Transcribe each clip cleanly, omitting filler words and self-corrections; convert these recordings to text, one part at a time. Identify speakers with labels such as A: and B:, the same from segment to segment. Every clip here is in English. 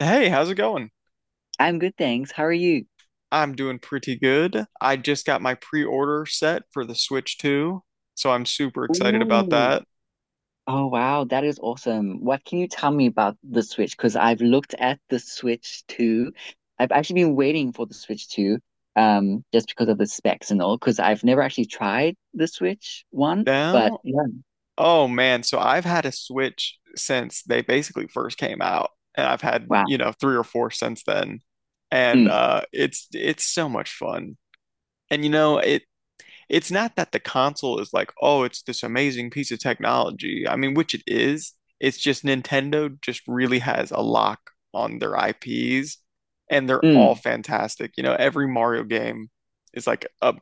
A: Hey, how's it going?
B: I'm good, thanks. How are you?
A: I'm doing pretty good. I just got my pre-order set for the Switch 2, so I'm super excited about
B: Ooh.
A: that.
B: Oh, wow. That is awesome. What can you tell me about the Switch? Because I've looked at the Switch 2. I've actually been waiting for the Switch 2, just because of the specs and all, because I've never actually tried the Switch 1. But
A: Now,
B: yeah,
A: oh man, so I've had a Switch since they basically first came out, and I've had, you
B: wow.
A: know, three or four since then. And
B: Mm,
A: it's so much fun. And you know, it's not that the console is like, oh, it's this amazing piece of technology. I mean, which it is. It's just Nintendo just really has a lock on their IPs and they're all
B: mm,
A: fantastic. You know, every Mario game is like a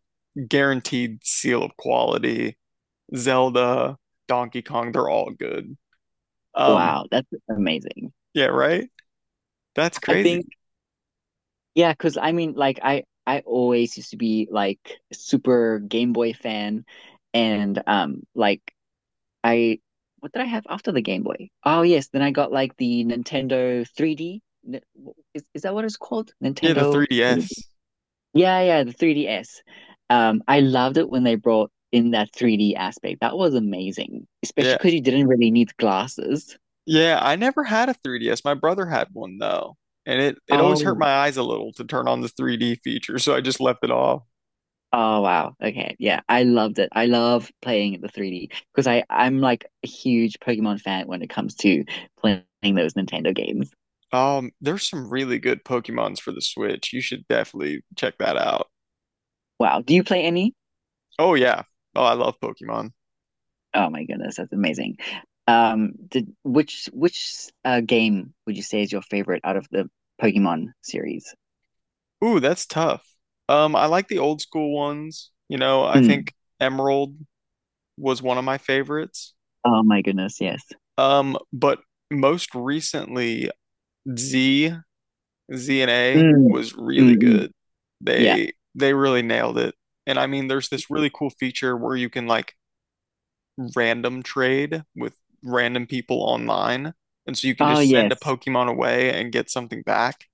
A: guaranteed seal of quality. Zelda, Donkey Kong, they're all good. Um,
B: wow. That's amazing.
A: yeah, right? That's
B: I think,
A: crazy.
B: yeah, because I always used to be like super Game Boy fan. And like I what did I have after the Game Boy? Oh yes, then I got like the Nintendo 3D. Is that what it's called?
A: Yeah, the
B: Nintendo.
A: 3DS.
B: Yeah, yeah, the 3DS. I loved it when they brought in that 3D aspect. That was amazing, especially
A: Yeah,
B: because you didn't really need glasses.
A: Yeah, I never had a 3DS. My brother had one though, and it always hurt
B: Oh,
A: my eyes a little to turn on the 3D feature, so I just left it off.
B: oh wow. Okay, yeah, I loved it. I love playing the 3D because I'm like a huge Pokemon fan when it comes to playing those Nintendo games.
A: There's some really good Pokemons for the Switch. You should definitely check that out.
B: Wow, do you play any?
A: Oh yeah. Oh, I love Pokemon.
B: Oh my goodness, that's amazing. Did which game would you say is your favorite out of the Pokemon series?
A: Ooh, that's tough. I like the old school ones. You know, I
B: Mm.
A: think Emerald was one of my favorites.
B: Oh my goodness, yes.
A: But most recently, Z Z and A
B: Mm.
A: was
B: Mm,
A: really
B: mm.
A: good.
B: Yeah.
A: They really nailed it. And I mean, there's this really cool feature where you can like random trade with random people online. And so you can
B: Oh
A: just send a
B: yes.
A: Pokemon away and get something back.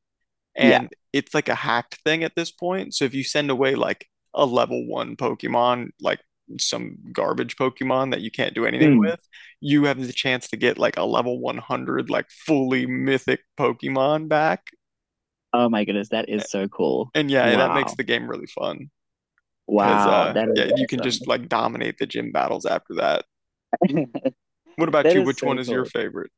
B: Yeah.
A: And it's like a hacked thing at this point. So if you send away like a level one Pokemon, like some garbage Pokemon that you can't do anything
B: Mm.
A: with, you have the chance to get like a level 100, like fully mythic Pokemon back.
B: Oh my goodness, that is so cool.
A: And yeah, that makes
B: Wow.
A: the game really fun because
B: Wow, that
A: yeah,
B: is
A: you can
B: awesome.
A: just like dominate the gym battles after that. What about
B: That
A: you?
B: is
A: Which
B: so
A: one is your
B: cool.
A: favorite?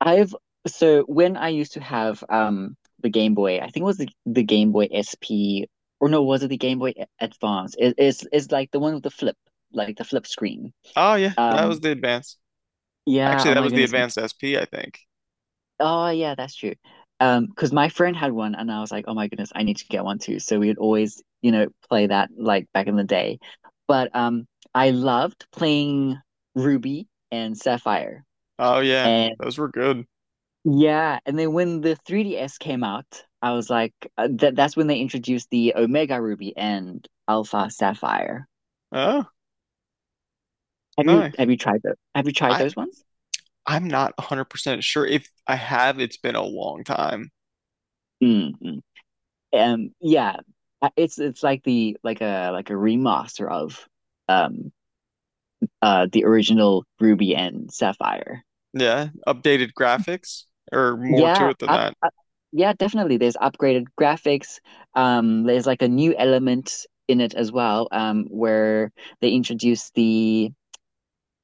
B: I've so when I used to have the Game Boy, I think it was the Game Boy SP or no, was it the Game Boy Advance? It's like the one with the flip, like the flip screen.
A: Oh yeah, that was
B: Um
A: the advanced.
B: yeah,
A: Actually,
B: oh
A: that
B: my
A: was the
B: goodness.
A: advanced SP, I think.
B: Oh yeah, that's true. Because my friend had one and I was like, oh my goodness, I need to get one too. So we would always, you know, play that like back in the day. But I loved playing Ruby and Sapphire.
A: Oh yeah,
B: And.
A: those were good.
B: Yeah, and then when the 3DS came out, I was like, that's when they introduced the Omega Ruby and Alpha Sapphire.
A: Oh, nice.
B: Have you tried those? Have you tried
A: I
B: those ones?
A: I'm not 100% sure if I have. It's been a long time.
B: Mm, mm. Yeah. It's like the like a remaster of um the original Ruby and Sapphire.
A: Yeah, updated graphics or more to
B: Yeah,
A: it than
B: up,
A: that.
B: up, yeah, definitely. There's upgraded graphics. There's like a new element in it as well. Where they introduce the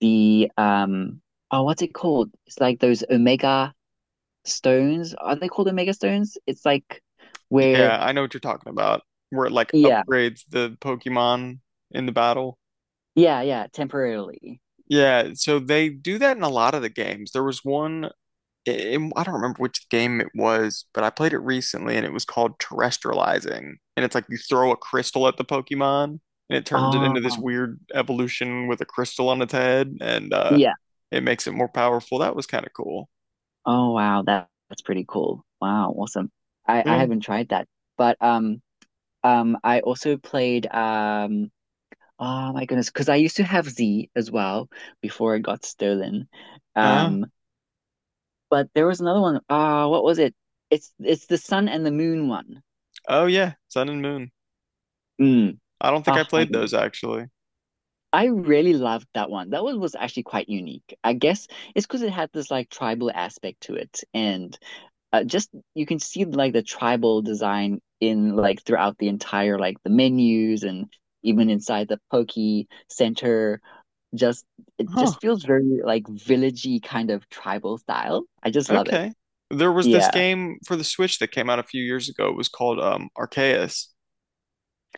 B: the um oh what's it called? It's like those Omega stones. Are they called Omega stones? It's like where,
A: Yeah, I know what you're talking about. Where it like
B: yeah,
A: upgrades the Pokemon in the battle.
B: yeah, yeah, temporarily.
A: Yeah, so they do that in a lot of the games. There was one, don't remember which game it was, but I played it recently and it was called terrestrializing. And it's like you throw a crystal at the Pokemon and it turns it into this
B: Oh
A: weird evolution with a crystal on its head and
B: yeah.
A: it makes it more powerful. That was kind of cool.
B: Oh wow, that's pretty cool. Wow, awesome. I
A: Yeah.
B: haven't tried that. But I also played oh my goodness, because I used to have Z as well before it got stolen.
A: Uh,
B: Um, but there was another one. Ah, what was it? It's the sun and the moon one.
A: oh yeah, Sun and Moon.
B: Mm.
A: I don't think
B: Oh
A: I
B: my
A: played those
B: goodness.
A: actually.
B: I really loved that one. That one was actually quite unique. I guess it's because it had this like tribal aspect to it. And just you can see like the tribal design in like throughout the entire like the menus and even inside the Poke Center. Just it
A: Huh.
B: just feels very like villagey kind of tribal style. I just love it.
A: Okay. There was this
B: Yeah.
A: game for the Switch that came out a few years ago. It was called Arceus.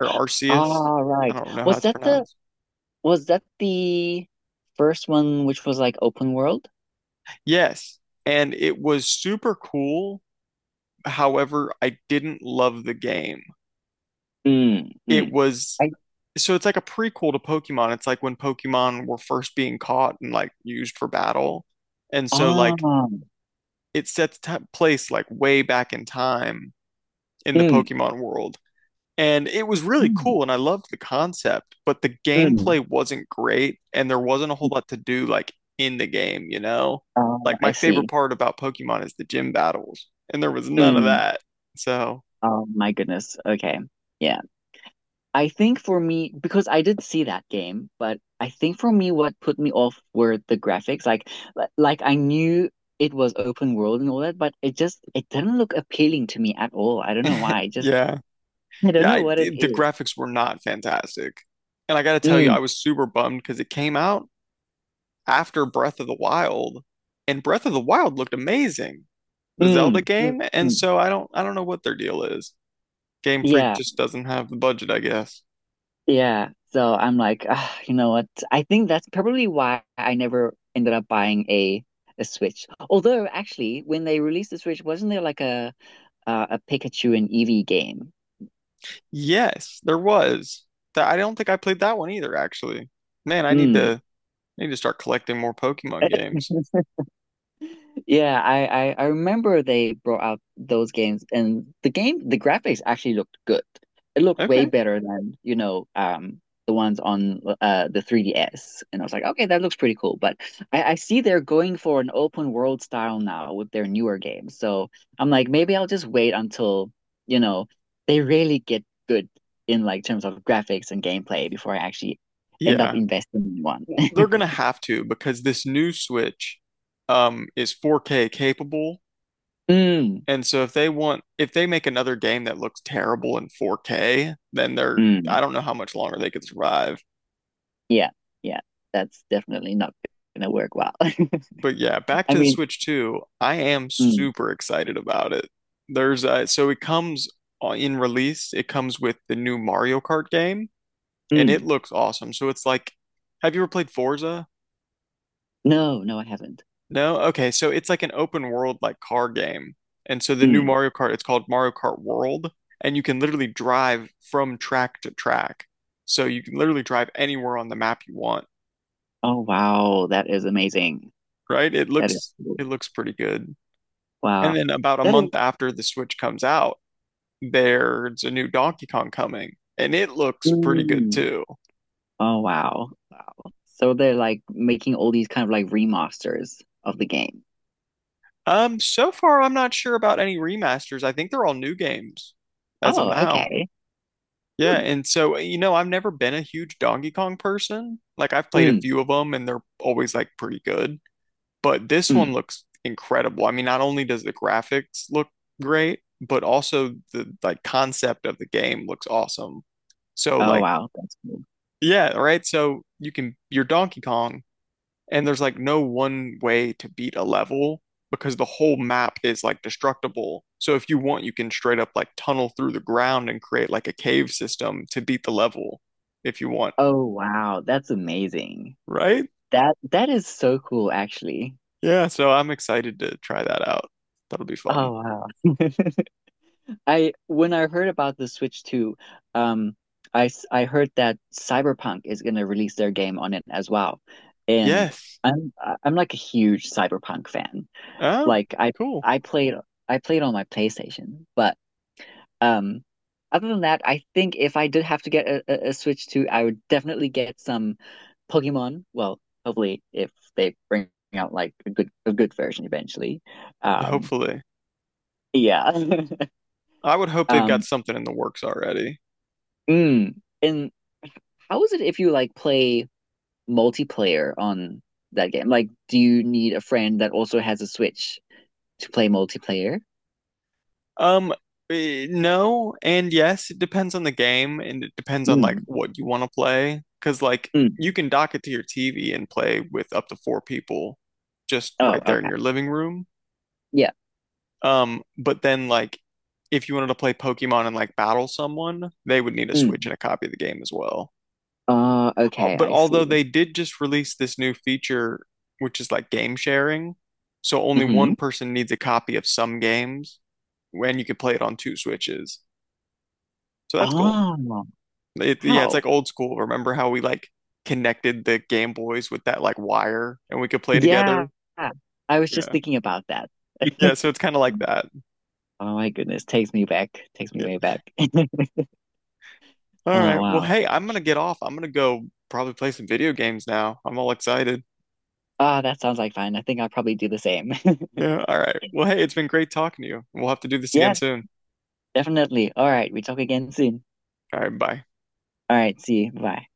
A: Or Arceus.
B: All
A: I
B: right.
A: don't know how
B: Was
A: it's
B: that the
A: pronounced.
B: was that the first one which was like open world?
A: Yes, and it was super cool. However, I didn't love the game.
B: Mm,
A: It
B: mm.
A: was So it's like a prequel to Pokemon. It's like when Pokemon were first being caught and like used for battle. And so like
B: Ah,
A: it sets t place like way back in time in the
B: mm,
A: Pokemon world. And it was really
B: mm,
A: cool, and I loved the concept, but the
B: mm.
A: gameplay wasn't great, and there wasn't a whole lot to do like in the game, you know? Like my
B: I
A: favorite
B: see.
A: part about Pokemon is the gym battles, and there was none of
B: Mm.
A: that. So,
B: Oh my goodness. Okay. Yeah. I think for me, because I did see that game, but I think for me, what put me off were the graphics. Like, like I knew it was open world and all that, but it just it didn't look appealing to me at all. I don't know why. I just
A: yeah.
B: I don't
A: Yeah, I,
B: know what it
A: the
B: is.
A: graphics were not fantastic. And I gotta tell you, I
B: Mm,
A: was super bummed because it came out after Breath of the Wild, and Breath of the Wild looked amazing, the Zelda
B: mm, mm,
A: game, and
B: mm.
A: so I don't know what their deal is. Game Freak
B: Yeah.
A: just doesn't have the budget, I guess.
B: Yeah. So I'm like, ah, you know what? I think that's probably why I never ended up buying a Switch. Although actually, when they released the Switch, wasn't there like a Pikachu and Eevee game?
A: Yes, there was. That I don't think I played that one either, actually. Man,
B: Mm.
A: I need to start collecting more Pokemon games.
B: Yeah, I remember they brought out those games, and the graphics actually looked good. It looked way
A: Okay.
B: better than, the ones on the 3DS. And I was like, okay, that looks pretty cool. But I see they're going for an open world style now with their newer games. So I'm like, maybe I'll just wait until, you know, they really get good in like terms of graphics and gameplay before I actually end up
A: Yeah.
B: investing in one.
A: They're gonna have to because this new Switch is 4K capable.
B: Mm,
A: And so if they want if they make another game that looks terrible in 4K, then they're. I
B: mm.
A: don't know how much longer they could survive.
B: Yeah, yeah, that's definitely not gonna work well.
A: But yeah, back
B: I
A: to the
B: mean,
A: Switch 2. I am
B: mm,
A: super excited about it. There's so it comes in release, it comes with the new Mario Kart game, and it
B: mm,
A: looks awesome. So it's like, have you ever played Forza?
B: no, no, I haven't.
A: No? Okay, so it's like an open world like car game. And so the new
B: Mm.
A: Mario Kart, it's called Mario Kart World, and you can literally drive from track to track. So you can literally drive anywhere on the map you want,
B: Oh wow, that is amazing.
A: right?
B: That is cool.
A: It looks pretty good. And
B: Wow,
A: then about a
B: that is.
A: month after the Switch comes out, there's a new Donkey Kong coming, and it looks pretty good
B: Mm.
A: too.
B: Oh wow, wow. So they're like making all these kind of like remasters of the game.
A: So far, I'm not sure about any remasters. I think they're all new games as of
B: Oh,
A: now.
B: okay.
A: Yeah,
B: Hmm.
A: and so, you know, I've never been a huge Donkey Kong person. Like, I've played a
B: Mm,
A: few of them, and they're always like pretty good. But this one
B: mm.
A: looks incredible. I mean, not only does the graphics look great, but also the like concept of the game looks awesome. So,
B: Oh
A: like,
B: wow, that's cool.
A: yeah, right. So you can, you're Donkey Kong and there's like no one way to beat a level because the whole map is like destructible. So if you want, you can straight up like tunnel through the ground and create like a cave system to beat the level if you want,
B: Oh wow, that's amazing.
A: right?
B: That is so cool, actually.
A: Yeah, so I'm excited to try that out. That'll be fun.
B: Oh wow. I when I heard about the Switch 2, um, I heard that Cyberpunk is going to release their game on it as well. And
A: Yes.
B: I'm I'm like a huge Cyberpunk fan.
A: Oh,
B: Like
A: cool.
B: I played I played on my PlayStation, but um other than that, I think if I did have to get a Switch 2, I would definitely get some Pokemon. Well, hopefully if they bring out like a good version eventually. Um
A: Hopefully.
B: yeah.
A: I would hope they've got
B: Um
A: something in the works already.
B: mm. And how is it if you like play multiplayer on that game? Like, do you need a friend that also has a Switch to play multiplayer?
A: Um, eh, no and yes, it depends on the game and it depends on like
B: Mm.
A: what you want to play. Because like
B: Mm.
A: you can dock it to your TV and play with up to 4 people just
B: Oh,
A: right there in
B: okay.
A: your living room.
B: Yeah.
A: But then like if you wanted to play Pokemon and like battle someone, they would need a Switch and
B: Mm.
A: a copy of the game as well.
B: Okay,
A: But
B: I
A: although
B: see.
A: they did just release this new feature, which is like game sharing, so only one
B: Mm-hmm.
A: person needs a copy of some games, when you can play it on 2 Switches. So that's cool.
B: Oh,
A: It, yeah, it's
B: wow.
A: like old school. Remember how we like connected the Game Boys with that like wire and we could play
B: Yeah.
A: together?
B: I was just
A: Yeah.
B: thinking about that.
A: Yeah, so it's kind of like that.
B: Oh my goodness, takes me back, takes me
A: Yeah.
B: way back.
A: All
B: Oh
A: right. Well,
B: wow.
A: hey, I'm gonna get off. I'm gonna go probably play some video games now. I'm all excited.
B: Ah, that sounds like fun. I think I'll probably do the same.
A: Yeah. All right. Well, hey, it's been great talking to you. We'll have to do this again
B: Yeah,
A: soon.
B: definitely. All right, we talk again soon.
A: All right, bye.
B: All right, see you. Bye.